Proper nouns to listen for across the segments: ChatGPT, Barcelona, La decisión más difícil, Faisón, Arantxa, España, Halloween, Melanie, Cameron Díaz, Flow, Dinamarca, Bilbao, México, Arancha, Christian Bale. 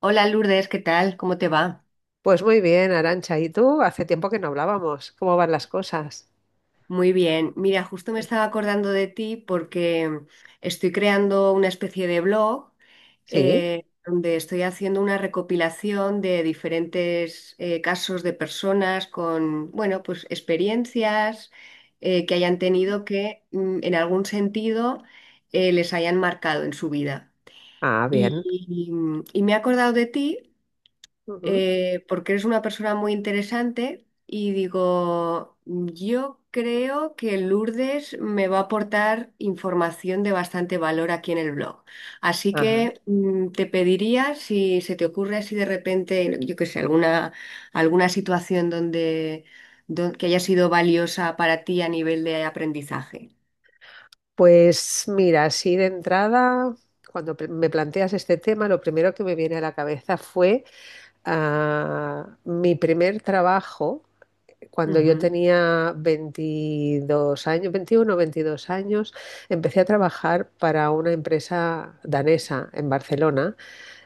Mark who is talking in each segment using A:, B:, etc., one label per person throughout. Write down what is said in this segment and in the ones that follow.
A: Hola Lourdes, ¿qué tal? ¿Cómo te va?
B: Pues muy bien, Arancha. ¿Y tú? Hace tiempo que no hablábamos. ¿Cómo van las cosas?
A: Muy bien. Mira, justo me estaba acordando de ti porque estoy creando una especie de blog,
B: Sí.
A: donde estoy haciendo una recopilación de diferentes casos de personas con, bueno, pues experiencias que hayan tenido que en algún sentido les hayan marcado en su vida.
B: Ah, bien.
A: Y, y me he acordado de ti,
B: Ujú.
A: porque eres una persona muy interesante y digo, yo creo que Lourdes me va a aportar información de bastante valor aquí en el blog. Así
B: Ajá.
A: que te pediría si se te ocurre así de repente, yo qué sé, alguna, alguna situación donde, que haya sido valiosa para ti a nivel de aprendizaje.
B: Pues mira, así de entrada, cuando me planteas este tema, lo primero que me viene a la cabeza fue mi primer trabajo. Cuando yo
A: Ujú.
B: tenía 22 años, 21 22 años, empecé a trabajar para una empresa danesa en Barcelona.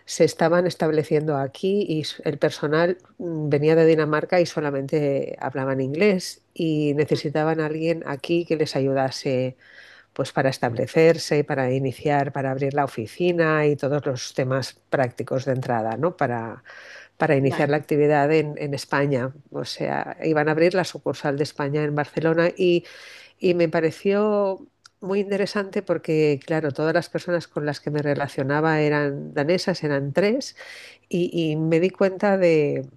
B: Se estaban estableciendo aquí y el personal venía de Dinamarca y solamente hablaban inglés y necesitaban a alguien aquí que les ayudase, pues, para establecerse, para iniciar, para abrir la oficina y todos los temas prácticos de entrada, ¿no? Para iniciar
A: Vale,
B: la actividad en España. O sea, iban a abrir la sucursal de España en Barcelona, y me pareció muy interesante porque, claro, todas las personas con las que me relacionaba eran danesas, eran tres, y me di cuenta de,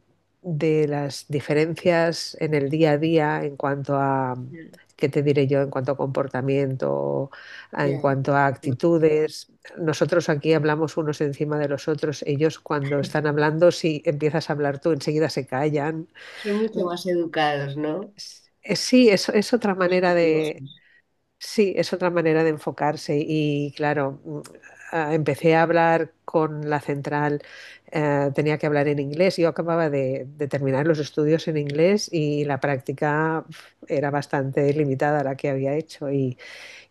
B: de las diferencias en el día a día en cuanto a,
A: ya,
B: ¿qué te diré yo? En cuanto a comportamiento, en
A: ya,
B: cuanto a
A: ya.
B: actitudes. Nosotros aquí hablamos unos encima de los otros. Ellos, cuando están hablando, si empiezas a hablar tú, enseguida se callan.
A: Son mucho más educados, ¿no?
B: Sí, es otra manera de...
A: Respetuosos.
B: Sí, es otra manera de enfocarse. Y claro, empecé a hablar con la central. Tenía que hablar en inglés, yo acababa de terminar los estudios en inglés y la práctica, uf, era bastante limitada la que había hecho. Y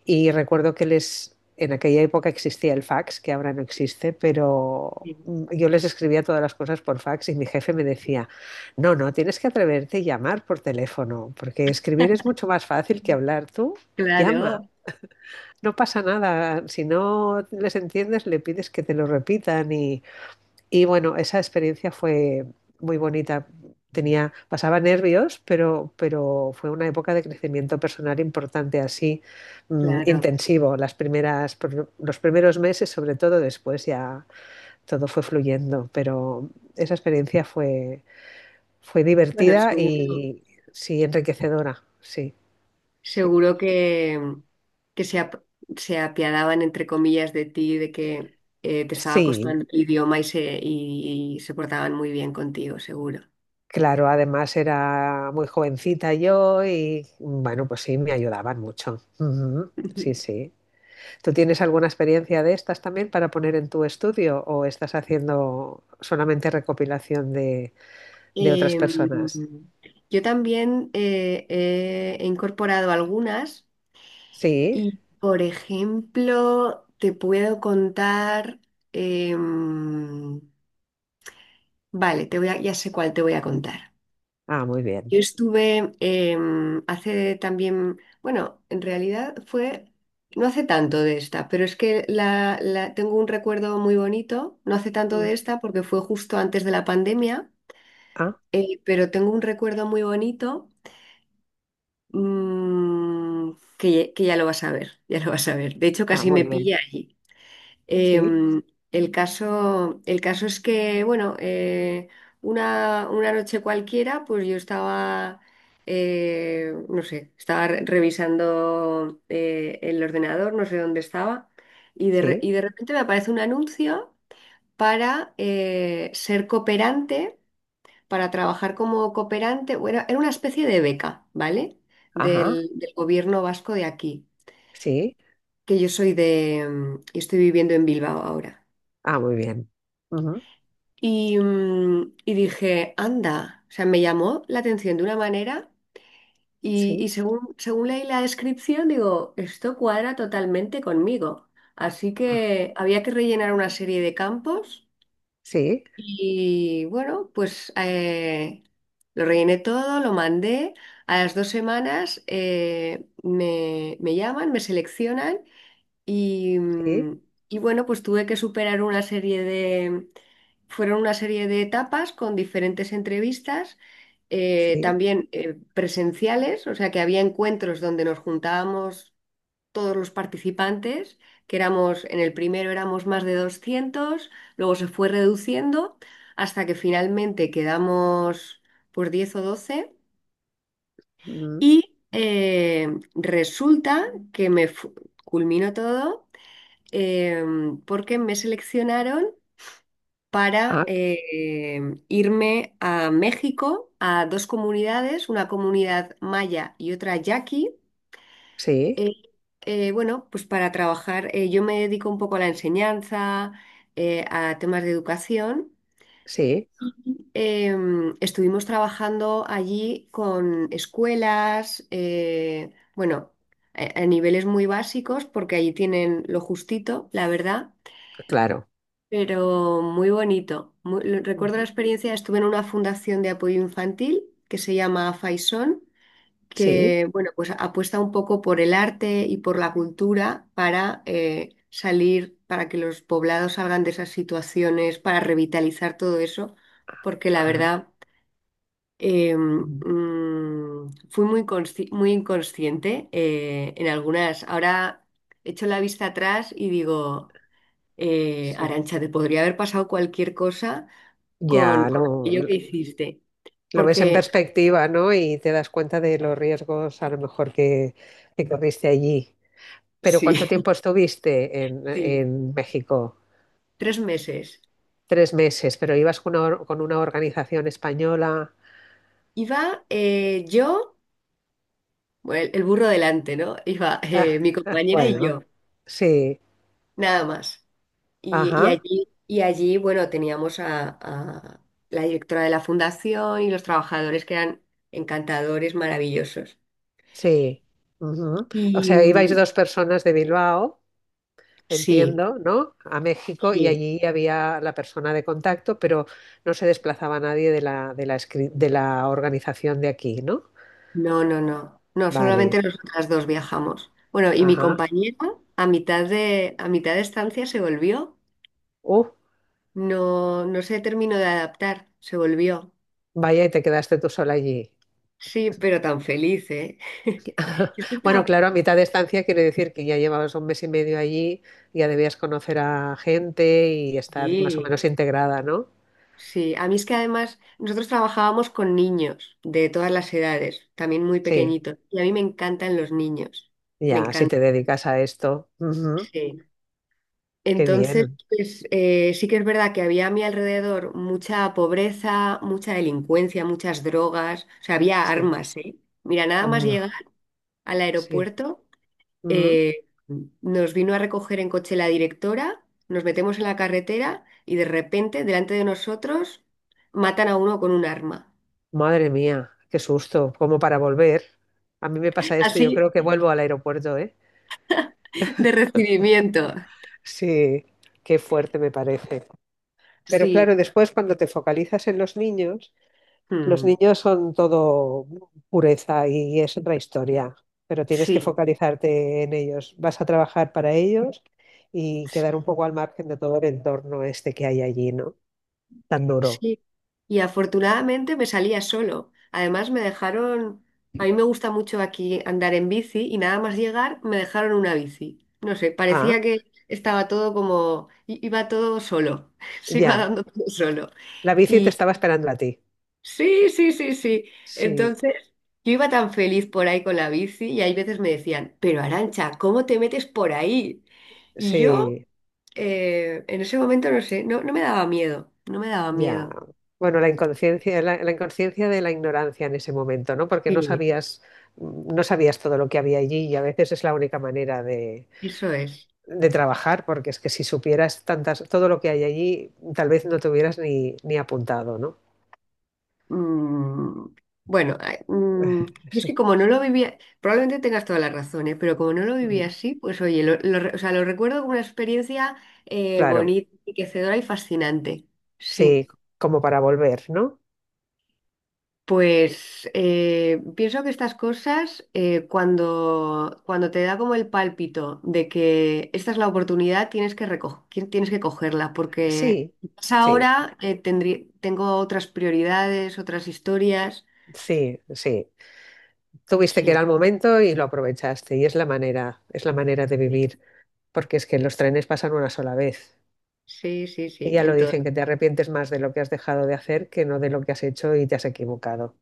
B: y recuerdo que les, en aquella época existía el fax, que ahora no existe, pero
A: Sí.
B: yo les escribía todas las cosas por fax y mi jefe me decía: no, no, tienes que atreverte y llamar por teléfono, porque escribir es mucho más fácil que hablar tú. Llama,
A: Claro.
B: no pasa nada, si no les entiendes, le pides que te lo repitan. Y y bueno, esa experiencia fue muy bonita. Tenía, pasaba nervios, pero fue una época de crecimiento personal importante, así,
A: Claro.
B: intensivo. Las primeras, los primeros meses, sobre todo, después ya todo fue fluyendo. Pero esa experiencia fue
A: Bueno,
B: divertida
A: seguro,
B: y... sí, enriquecedora, sí, sí.
A: seguro que, que se apiadaban, entre comillas, de ti, de que te estaba costando
B: Sí,
A: el idioma y, se portaban muy bien contigo, seguro.
B: claro, además era muy jovencita yo, y bueno, pues sí, me ayudaban mucho. Ujú. Sí, sí. ¿Tú tienes alguna experiencia de estas también para poner en tu estudio o estás haciendo solamente recopilación de, otras
A: Em,
B: personas?
A: yo también he incorporado algunas
B: Sí.
A: y, por ejemplo, te puedo contar... em, vale, ya sé cuál te voy a contar.
B: Ah, muy bien.
A: Yo estuve hace también, bueno, en realidad fue, no hace tanto de esta, pero es que tengo un recuerdo muy bonito, no hace tanto
B: Mm.
A: de esta porque fue justo antes de la pandemia,
B: Ah,
A: pero tengo un recuerdo muy bonito, mm, que ya lo vas a ver, ya lo vas a ver. De hecho,
B: ah,
A: casi
B: muy
A: me
B: bien.
A: pilla allí.
B: Sí,
A: Em, el caso es que, bueno, una noche cualquiera, pues yo estaba, no sé, estaba revisando el ordenador, no sé dónde estaba,
B: sí.
A: y de repente me aparece un anuncio para ser cooperante, para trabajar como cooperante, bueno, era una especie de beca, ¿vale?
B: Ajá,
A: Del gobierno vasco de aquí,
B: sí.
A: que yo soy de, y estoy viviendo en Bilbao ahora.
B: Ah, muy bien. Ujú.
A: Y, y dije, anda, o sea, me llamó la atención de una manera y,
B: Sí.
A: y según, según leí la descripción, digo, esto cuadra totalmente conmigo. Así
B: Ah,
A: que había que rellenar una serie de campos
B: sí,
A: y bueno, pues lo rellené todo, lo mandé. A las dos semanas me, me llaman, me seleccionan. Y,
B: sí,
A: y bueno, pues tuve que superar una serie de, fueron una serie de etapas con diferentes entrevistas,
B: sí.
A: también presenciales, o sea que había encuentros donde nos juntábamos todos los participantes, que éramos, en el primero éramos más de 200, luego se fue reduciendo hasta que finalmente quedamos por 10 o 12.
B: Mm.
A: y eh, Resulta que culminó todo, eh, porque me seleccionaron para
B: Ah,
A: irme a México, a dos comunidades, una comunidad maya y otra yaqui. eh,
B: sí,
A: bueno, pues para trabajar, yo me dedico un poco a la enseñanza, a temas de educación.
B: sí,
A: Eh, estuvimos trabajando allí con escuelas, bueno, a niveles muy básicos, porque allí tienen lo justito, la verdad.
B: claro.
A: Pero muy bonito. Recuerdo la experiencia, estuve en una fundación de apoyo infantil que se llama Faisón,
B: Sí.
A: que bueno, pues apuesta un poco por el arte y por la cultura para salir, para que los poblados salgan de esas situaciones, para revitalizar todo eso, porque la
B: Ah.
A: verdad
B: Ujú.
A: fui muy inconsciente en algunas. Ahora echo la vista atrás y digo,
B: Sí.
A: Arantxa, te podría haber pasado cualquier cosa
B: Ya
A: con
B: lo,
A: aquello que hiciste.
B: lo ves en
A: Porque,
B: perspectiva, ¿no? Y te das cuenta de los riesgos, a lo mejor, que corriste allí. Pero
A: sí,
B: ¿cuánto tiempo estuviste en,
A: sí,
B: México?
A: 3 meses.
B: 3 meses, pero ibas con con una organización española.
A: Iba yo, bueno, el burro delante, ¿no? Iba
B: Ah,
A: mi
B: ah,
A: compañera y
B: bueno,
A: yo,
B: sí,
A: nada más.
B: ajá,
A: Y allí, bueno, teníamos a la directora de la fundación y los trabajadores que eran encantadores, maravillosos.
B: sí. Ujú. O
A: Y
B: sea, ibais dos personas de Bilbao,
A: sí,
B: entiendo, ¿no? A México, y
A: sí.
B: allí había la persona de contacto, pero no se desplazaba nadie de la, de la organización de aquí, ¿no?
A: No, no, no. No, solamente
B: Vale,
A: nosotras dos viajamos. Bueno, y mi
B: ajá.
A: compañera a mitad de estancia se volvió.
B: Uh,
A: No, no se terminó de adaptar, se volvió.
B: vaya, y te quedaste tú sola allí.
A: Sí, pero tan feliz, ¿eh? Yo es que
B: Bueno,
A: estaba-
B: claro, a mitad de estancia quiere decir que ya llevabas un mes y medio allí, ya debías conocer a gente y estar más o
A: Sí,
B: menos integrada, ¿no?
A: sí. A mí es que además nosotros trabajábamos con niños de todas las edades, también muy
B: Sí,
A: pequeñitos. Y a mí me encantan los niños. Me
B: ya, si te
A: encantan.
B: dedicas a esto. Ujú. Qué
A: Entonces,
B: bien,
A: pues, sí que es verdad que había a mi alrededor mucha pobreza, mucha delincuencia, muchas drogas, o sea, había
B: sí.
A: armas, ¿eh? Mira, nada más
B: Um,
A: llegar al
B: sí.
A: aeropuerto, eh, nos vino a recoger en coche la directora, nos metemos en la carretera y de repente, delante de nosotros, matan a uno con un arma.
B: Madre mía, qué susto, como para volver. A mí me pasa esto, yo
A: Así
B: creo que vuelvo al aeropuerto, ¿eh?
A: de recibimiento.
B: Sí, qué fuerte me parece. Pero claro,
A: Sí,
B: después, cuando te focalizas en los
A: mm,
B: niños son todo pureza y es otra historia, pero tienes que
A: sí,
B: focalizarte en ellos. Vas a trabajar para ellos y quedar un
A: sí.
B: poco al margen de todo el entorno este que hay allí, ¿no? Tan duro.
A: Sí, y afortunadamente me salía solo. Además me dejaron, a mí me gusta mucho aquí andar en bici y nada más llegar me dejaron una bici. No sé, parecía
B: Ah,
A: que estaba todo como, iba todo solo, se iba
B: ya,
A: dando todo solo.
B: la bici te
A: Y
B: estaba esperando a ti.
A: sí, sí, sí, sí.
B: Sí,
A: Entonces yo iba tan feliz por ahí con la bici y hay veces me decían, pero Arancha, ¿cómo te metes por ahí? Y yo,
B: sí.
A: en ese momento no sé, no me daba miedo, no me daba
B: Ya.
A: miedo.
B: Bueno, la inconsciencia, la inconsciencia de la ignorancia en ese momento, ¿no? Porque no
A: Sí,
B: sabías, no sabías todo lo que había allí, y a veces es la única manera de,
A: eso es.
B: trabajar, porque es que si supieras tantas, todo lo que hay allí, tal vez no te hubieras ni, apuntado, ¿no?
A: Mm, bueno, ay, yo es que
B: Sí.
A: como no lo vivía, probablemente tengas toda la razón, ¿eh? Pero como no lo vivía
B: Mm,
A: así, pues oye, o sea, lo recuerdo como una experiencia
B: claro,
A: bonita, enriquecedora y fascinante. Sí.
B: sí, como para volver, ¿no?
A: Pues pienso que estas cosas, cuando, cuando te da como el pálpito de que esta es la oportunidad, tienes que cogerla, porque
B: Sí,
A: quizás
B: sí,
A: ahora tengo otras prioridades, otras historias.
B: sí, sí. Tuviste que era
A: Sí.
B: el momento y lo aprovechaste, y es la manera de
A: Sí,
B: vivir, porque es que los trenes pasan una sola vez.
A: sí, sí,
B: Y
A: sí,
B: ya
A: en
B: lo
A: todo.
B: dicen, que te arrepientes más de lo que has dejado de hacer que no de lo que has hecho y te has equivocado.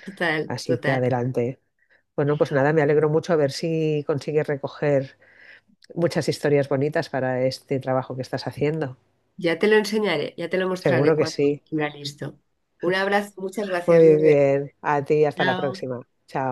A: Total,
B: Así que
A: total.
B: adelante. Bueno, pues nada, me alegro mucho. A ver si consigues recoger muchas historias bonitas para este trabajo que estás haciendo.
A: Ya te lo enseñaré, ya te lo mostraré
B: Seguro que
A: cuando
B: sí.
A: esté listo. Un abrazo, muchas gracias,
B: Muy
A: Lourdes.
B: bien. A ti, hasta la
A: Chao.
B: próxima. Chao.